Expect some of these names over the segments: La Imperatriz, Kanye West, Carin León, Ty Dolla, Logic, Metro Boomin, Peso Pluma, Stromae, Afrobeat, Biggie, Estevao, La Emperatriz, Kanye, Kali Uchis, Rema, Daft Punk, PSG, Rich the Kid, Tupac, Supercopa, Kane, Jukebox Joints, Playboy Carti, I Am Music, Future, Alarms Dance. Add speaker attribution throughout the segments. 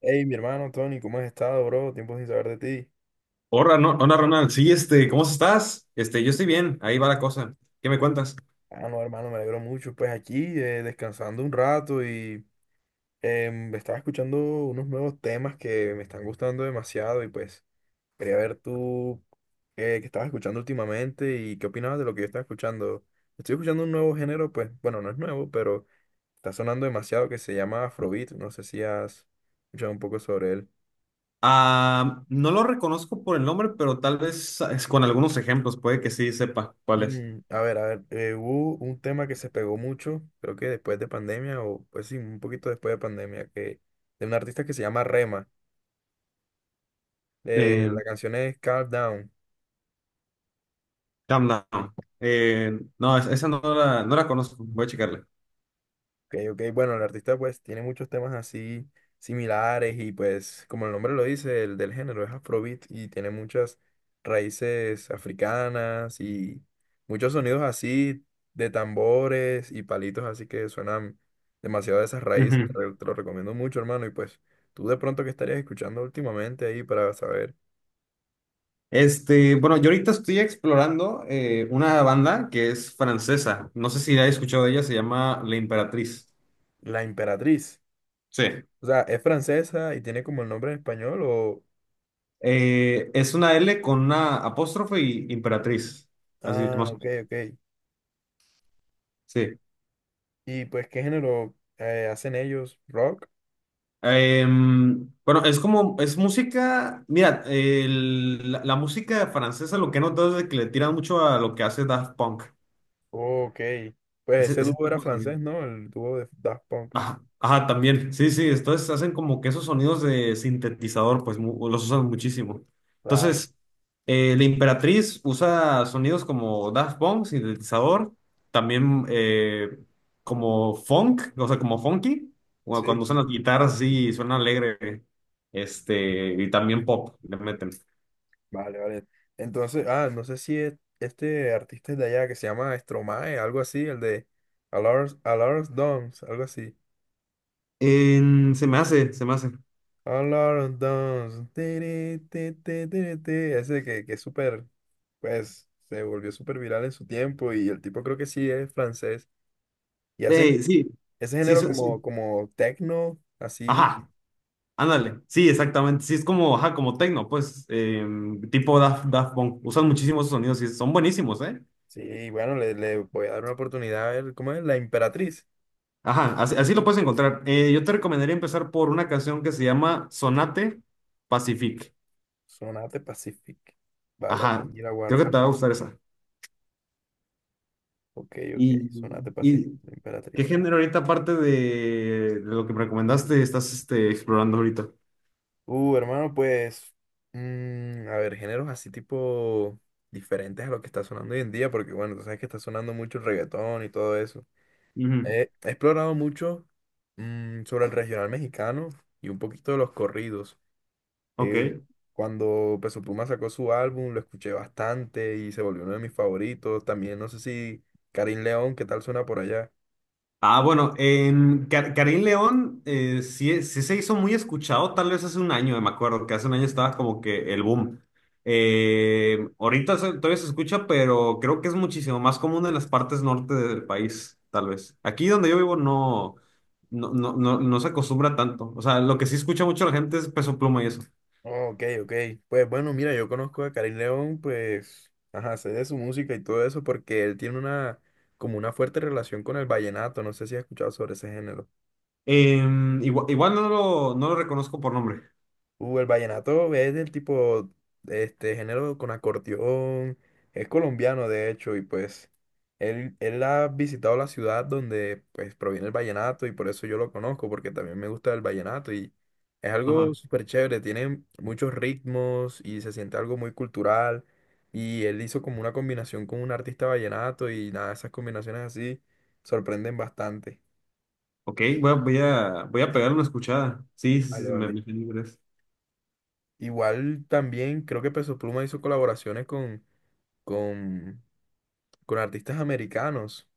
Speaker 1: Hey, mi hermano Tony, ¿cómo has estado, bro? Tiempo sin saber de ti.
Speaker 2: Hola, hola Ronald, sí, ¿cómo estás? Yo estoy bien, ahí va la cosa. ¿Qué me cuentas?
Speaker 1: Ah, no, hermano, me alegro mucho. Pues aquí, descansando un rato y estaba escuchando unos nuevos temas que me están gustando demasiado y pues quería ver tú qué estabas escuchando últimamente y qué opinabas de lo que yo estaba escuchando. Estoy escuchando un nuevo género, pues, bueno, no es nuevo, pero está sonando demasiado que se llama Afrobeat. No sé si has escuchado un poco sobre él.
Speaker 2: Ah, no lo reconozco por el nombre, pero tal vez es con algunos ejemplos, puede que sí sepa cuál es.
Speaker 1: Mm, a ver, hubo un tema que se pegó mucho, creo que después de pandemia, o pues sí, un poquito después de pandemia, que de un artista que se llama Rema. Eh,
Speaker 2: Eh,
Speaker 1: la canción es Calm Down.
Speaker 2: Calm Down. No, esa no la conozco, voy a checarla.
Speaker 1: Ok, ok. Bueno, el artista pues tiene muchos temas así similares y pues como el nombre lo dice, el del género es Afrobeat y tiene muchas raíces africanas y muchos sonidos así de tambores y palitos así que suenan demasiado de esas raíces.
Speaker 2: Ujú.
Speaker 1: Te lo recomiendo mucho, hermano. Y pues tú de pronto que estarías escuchando últimamente ahí para saber.
Speaker 2: Bueno, yo ahorita estoy explorando una banda que es francesa, no sé si la he escuchado de ella, se llama La Imperatriz.
Speaker 1: La Emperatriz.
Speaker 2: Sí.
Speaker 1: O sea, ¿es francesa y tiene como el nombre en español o...?
Speaker 2: Es una L con una apóstrofe y imperatriz. Así, más.
Speaker 1: Ah, ok, ok.
Speaker 2: Sí.
Speaker 1: ¿Y pues qué género hacen ellos? ¿Rock?
Speaker 2: Bueno, es como, es música, mira, la música francesa lo que he notado es de que le tiran mucho a lo que hace Daft Punk.
Speaker 1: Ok. Pues
Speaker 2: Ese,
Speaker 1: ese dúo
Speaker 2: ese
Speaker 1: era
Speaker 2: tipo de sonido.
Speaker 1: francés, ¿no? El dúo de Daft Punk.
Speaker 2: Ajá, ajá, también. Sí, sí, entonces hacen como que esos sonidos de sintetizador, pues los usan muchísimo.
Speaker 1: Claro.
Speaker 2: Entonces, la Imperatriz usa sonidos como Daft Punk, sintetizador, también como funk, o sea, como funky, o cuando
Speaker 1: Sí.
Speaker 2: usan las guitarras así suena alegre, y también pop, le meten.
Speaker 1: Vale, vale. Entonces, no sé si este artista es de allá que se llama Stromae, algo así, el de Alarms, Alarms Dance, algo así.
Speaker 2: Se me hace, se me hace.
Speaker 1: Alarms Dance. Tiri, ti, ti, tiri, ti. Ese que es súper, pues, se volvió súper viral en su tiempo y el tipo creo que sí es francés. Y hacen
Speaker 2: Sí,
Speaker 1: ese
Speaker 2: sí,
Speaker 1: género
Speaker 2: sí.
Speaker 1: como, como techno, así.
Speaker 2: Ajá, ándale, sí, exactamente. Sí, es como, ajá, como techno, pues, tipo Daft Punk. Usan muchísimos esos sonidos y son buenísimos, ¿eh?
Speaker 1: Sí, bueno, le voy a dar una oportunidad a ver cómo es la Imperatriz.
Speaker 2: Ajá, así, así lo puedes encontrar. Yo te recomendaría empezar por una canción que se llama Sonate Pacific.
Speaker 1: Sonate Pacific. Vale,
Speaker 2: Ajá,
Speaker 1: y la
Speaker 2: creo que
Speaker 1: guardo.
Speaker 2: te va a gustar esa.
Speaker 1: Ok, ok,
Speaker 2: ¿Y,
Speaker 1: Sonate Pacific,
Speaker 2: y
Speaker 1: la
Speaker 2: qué
Speaker 1: Imperatriz.
Speaker 2: género ahorita, aparte de lo que me recomendaste, estás explorando ahorita?
Speaker 1: Hermano, pues, mm, a ver, géneros así tipo diferentes a lo que está sonando hoy en día, porque bueno, tú sabes que está sonando mucho el reggaetón y todo eso.
Speaker 2: Ujú.
Speaker 1: He explorado mucho sobre el regional mexicano y un poquito de los corridos.
Speaker 2: Ok.
Speaker 1: Eh, cuando Peso Pluma sacó su álbum, lo escuché bastante y se volvió uno de mis favoritos. También no sé si Karim León, ¿qué tal suena por allá?
Speaker 2: Ah, bueno, Carin León sí, sí se hizo muy escuchado, tal vez hace un año, me acuerdo, que hace un año estaba como que el boom. Ahorita todavía se escucha, pero creo que es muchísimo más común en las partes norte del país, tal vez. Aquí donde yo vivo no, no, no, no, no se acostumbra tanto. O sea, lo que sí escucha mucho la gente es Peso Pluma y eso.
Speaker 1: Oh, ok, ok. Pues bueno, mira, yo conozco a Karim León, pues, ajá, sé de su música y todo eso porque él tiene una, como una fuerte relación con el vallenato. No sé si has escuchado sobre ese género.
Speaker 2: Igual, no lo reconozco por nombre.
Speaker 1: El vallenato es del tipo, este género con acordeón, es colombiano de hecho, y pues él ha visitado la ciudad donde pues proviene el vallenato y por eso yo lo conozco, porque también me gusta el vallenato y es algo
Speaker 2: Ajá.
Speaker 1: súper chévere, tiene muchos ritmos y se siente algo muy cultural y él hizo como una combinación con un artista vallenato y nada, esas combinaciones así sorprenden bastante.
Speaker 2: Ok, voy a pegarle una escuchada. Sí, sí,
Speaker 1: Vale,
Speaker 2: sí, me,
Speaker 1: vale.
Speaker 2: me
Speaker 1: Igual también creo que Peso Pluma hizo colaboraciones con con, con artistas americanos.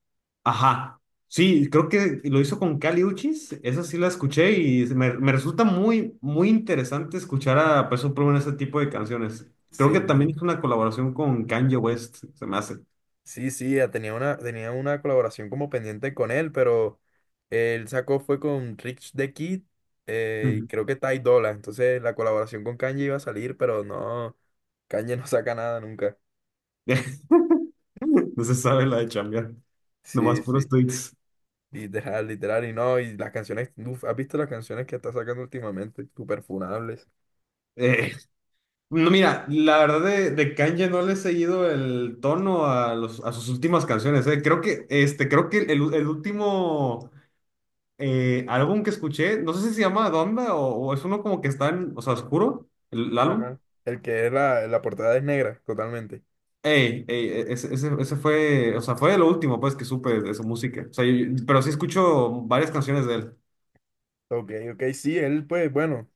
Speaker 2: ajá. Sí, creo que lo hizo con Kali Uchis, esa sí la escuché y me resulta muy, muy interesante escuchar a Peso Pluma en ese tipo de canciones. Creo que también
Speaker 1: Sí,
Speaker 2: hizo una colaboración con Kanye West, se me hace.
Speaker 1: sí, sí, ya tenía una colaboración como pendiente con él, pero él sacó fue con Rich the Kid, y
Speaker 2: Ujú.
Speaker 1: creo que Ty Dolla. Entonces la colaboración con Kanye iba a salir, pero no, Kanye no saca nada nunca.
Speaker 2: No se sabe la de chambear, nomás
Speaker 1: Sí,
Speaker 2: puros
Speaker 1: sí,
Speaker 2: tweets.
Speaker 1: literal, literal. Y no, y las canciones, uf, ¿has visto las canciones que está sacando últimamente? Súper funables.
Speaker 2: Eh, no, mira, la verdad de Kanye no le he seguido el tono a, los, a sus últimas canciones, eh. Creo que, creo que el último álbum que escuché, no sé si se llama Donda o es uno como que está en, o sea, oscuro, el álbum.
Speaker 1: Ajá. El que es la portada es negra, totalmente.
Speaker 2: Ey, ey, ese fue, o sea, fue lo último pues que supe de su música. O sea, pero sí escucho varias canciones de él.
Speaker 1: Ok, ok, sí, él pues bueno.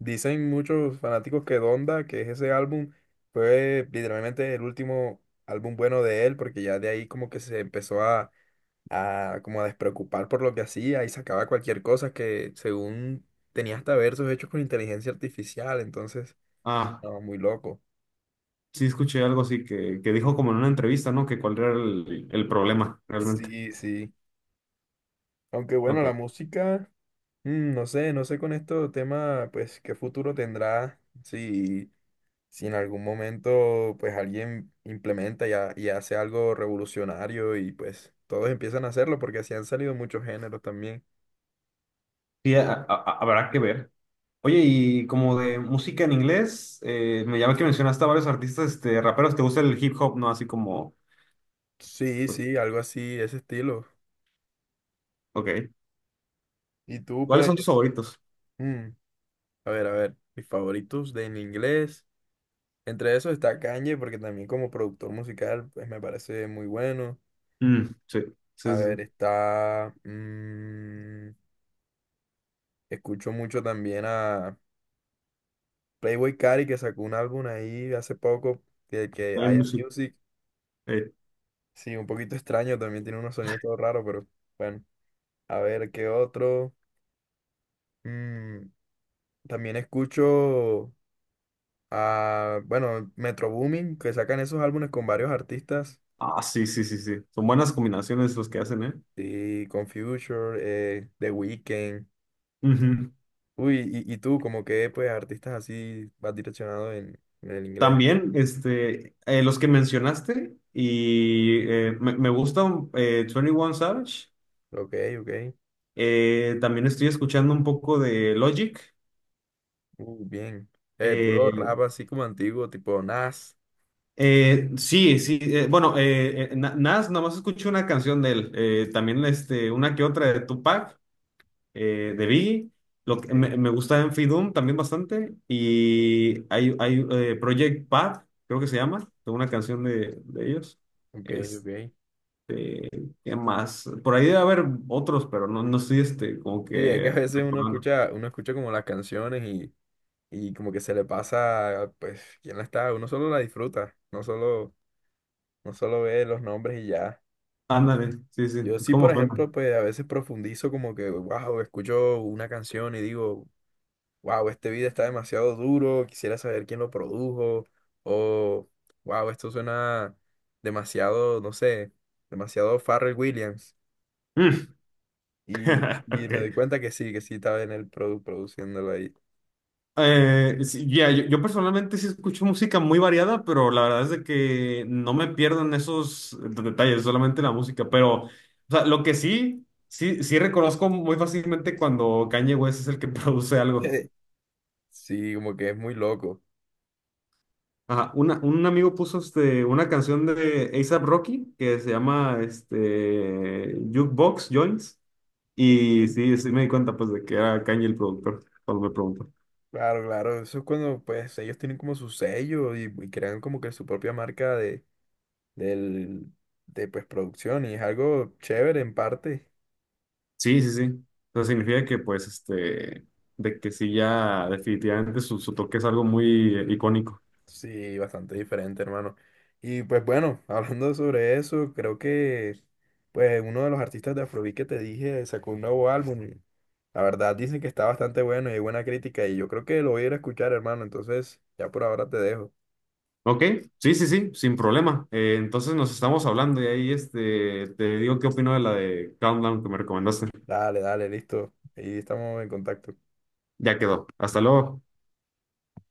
Speaker 1: Dicen muchos fanáticos que Donda, que es ese álbum, fue literalmente el último álbum bueno de él, porque ya de ahí como que se empezó a como a despreocupar por lo que hacía y sacaba cualquier cosa que según tenía hasta versos hechos con inteligencia artificial, entonces,
Speaker 2: Ah,
Speaker 1: no, muy loco.
Speaker 2: sí escuché algo así que dijo como en una entrevista, ¿no? Que cuál era el problema realmente.
Speaker 1: Sí, sí. Aunque bueno,
Speaker 2: Ok.
Speaker 1: la música, mm, no sé, no sé con esto tema, pues, qué futuro tendrá, si en algún momento pues alguien implementa y, y hace algo revolucionario y pues todos empiezan a hacerlo porque así han salido muchos géneros también.
Speaker 2: Sí, habrá que ver. Oye, y como de música en inglés, me llama que mencionaste a varios artistas, raperos, ¿te gusta el hip hop, no? Así como,
Speaker 1: Sí,
Speaker 2: pues,
Speaker 1: sí, algo así, ese estilo.
Speaker 2: ok.
Speaker 1: Y tú
Speaker 2: ¿Cuáles
Speaker 1: pues,
Speaker 2: son tus favoritos?
Speaker 1: mm, a ver, mis favoritos de en inglés. Entre esos está Kanye porque también como productor musical pues me parece muy bueno.
Speaker 2: Mm, sí,
Speaker 1: A
Speaker 2: sí,
Speaker 1: ver,
Speaker 2: sí.
Speaker 1: está... mm, escucho mucho también a Playboy Carti que sacó un álbum ahí hace poco que
Speaker 2: Hay
Speaker 1: I Am
Speaker 2: mucho-
Speaker 1: Music.
Speaker 2: eh,
Speaker 1: Sí, un poquito extraño, también tiene unos sonidos todo raros, pero bueno, a ver qué otro. Mm, también escucho a, bueno, Metro Boomin, que sacan esos álbumes con varios artistas,
Speaker 2: ah, sí, sí, sí, sí. Son buenas combinaciones los que hacen, ¿eh?
Speaker 1: y con Future, The Weeknd.
Speaker 2: Ujú.
Speaker 1: Uy, y tú, como que, pues, artistas así vas direccionado en el inglés.
Speaker 2: También, los que mencionaste, y me gusta twenty One Savage.
Speaker 1: Ok, ok,
Speaker 2: También estoy escuchando un poco de Logic.
Speaker 1: bien. Puro
Speaker 2: Eh,
Speaker 1: rap así como antiguo, tipo Nas.
Speaker 2: sí, sí, bueno, Nas, nada más escuché una canción de él. También una que otra de Tupac, de Biggie. Lo que
Speaker 1: Ok,
Speaker 2: me gusta Enfi Doom también bastante. Y hay Project Pat, creo que se llama, de una canción de ellos.
Speaker 1: ok,
Speaker 2: Este,
Speaker 1: ok.
Speaker 2: ¿qué más? Por ahí debe haber otros, pero no, no estoy como
Speaker 1: Sí, es que a
Speaker 2: que
Speaker 1: veces
Speaker 2: recordando.
Speaker 1: uno escucha como las canciones y como que se le pasa, pues, quién la está, uno solo la disfruta, no solo ve los nombres y ya.
Speaker 2: Ándale, sí, sí,
Speaker 1: Yo
Speaker 2: es
Speaker 1: sí,
Speaker 2: como
Speaker 1: por
Speaker 2: suena.
Speaker 1: ejemplo, pues a veces profundizo como que, wow, escucho una canción y digo, wow, este video está demasiado duro, quisiera saber quién lo produjo, o wow, esto suena demasiado, no sé, demasiado Pharrell Williams.
Speaker 2: Mm.
Speaker 1: Y
Speaker 2: Ok.
Speaker 1: me doy cuenta que sí estaba en el produciéndolo ahí.
Speaker 2: Sí, ya, yo personalmente sí escucho música muy variada, pero la verdad es de que no me pierdo en esos detalles, solamente la música. Pero, o sea, lo que sí, sí, sí reconozco muy fácilmente cuando Kanye West es el que produce algo.
Speaker 1: Sí, como que es muy loco.
Speaker 2: Ajá, un amigo puso una canción de A$AP Rocky que se llama Jukebox Joints, y
Speaker 1: Ok.
Speaker 2: sí, sí me di cuenta pues de que era Kanye el productor cuando me preguntó.
Speaker 1: Claro, claro, eso es cuando pues ellos tienen como su sello y crean como que su propia marca de, del, de pues producción y es algo chévere en parte,
Speaker 2: Sí, sí, sí. O sea, significa que pues de que sí ya definitivamente su toque es algo muy icónico.
Speaker 1: sí, bastante diferente, hermano. Y pues bueno, hablando sobre eso, creo que pues uno de los artistas de Afrobeat que te dije sacó un nuevo álbum. Y la verdad dicen que está bastante bueno y hay buena crítica y yo creo que lo voy a ir a escuchar, hermano, entonces ya por ahora te dejo.
Speaker 2: Ok, sí, sí, sí, sin problema. Entonces nos estamos hablando y ahí te digo qué opino de la de Countdown que me recomendaste.
Speaker 1: Dale, dale, listo. Ahí estamos en contacto.
Speaker 2: Ya quedó. Hasta luego.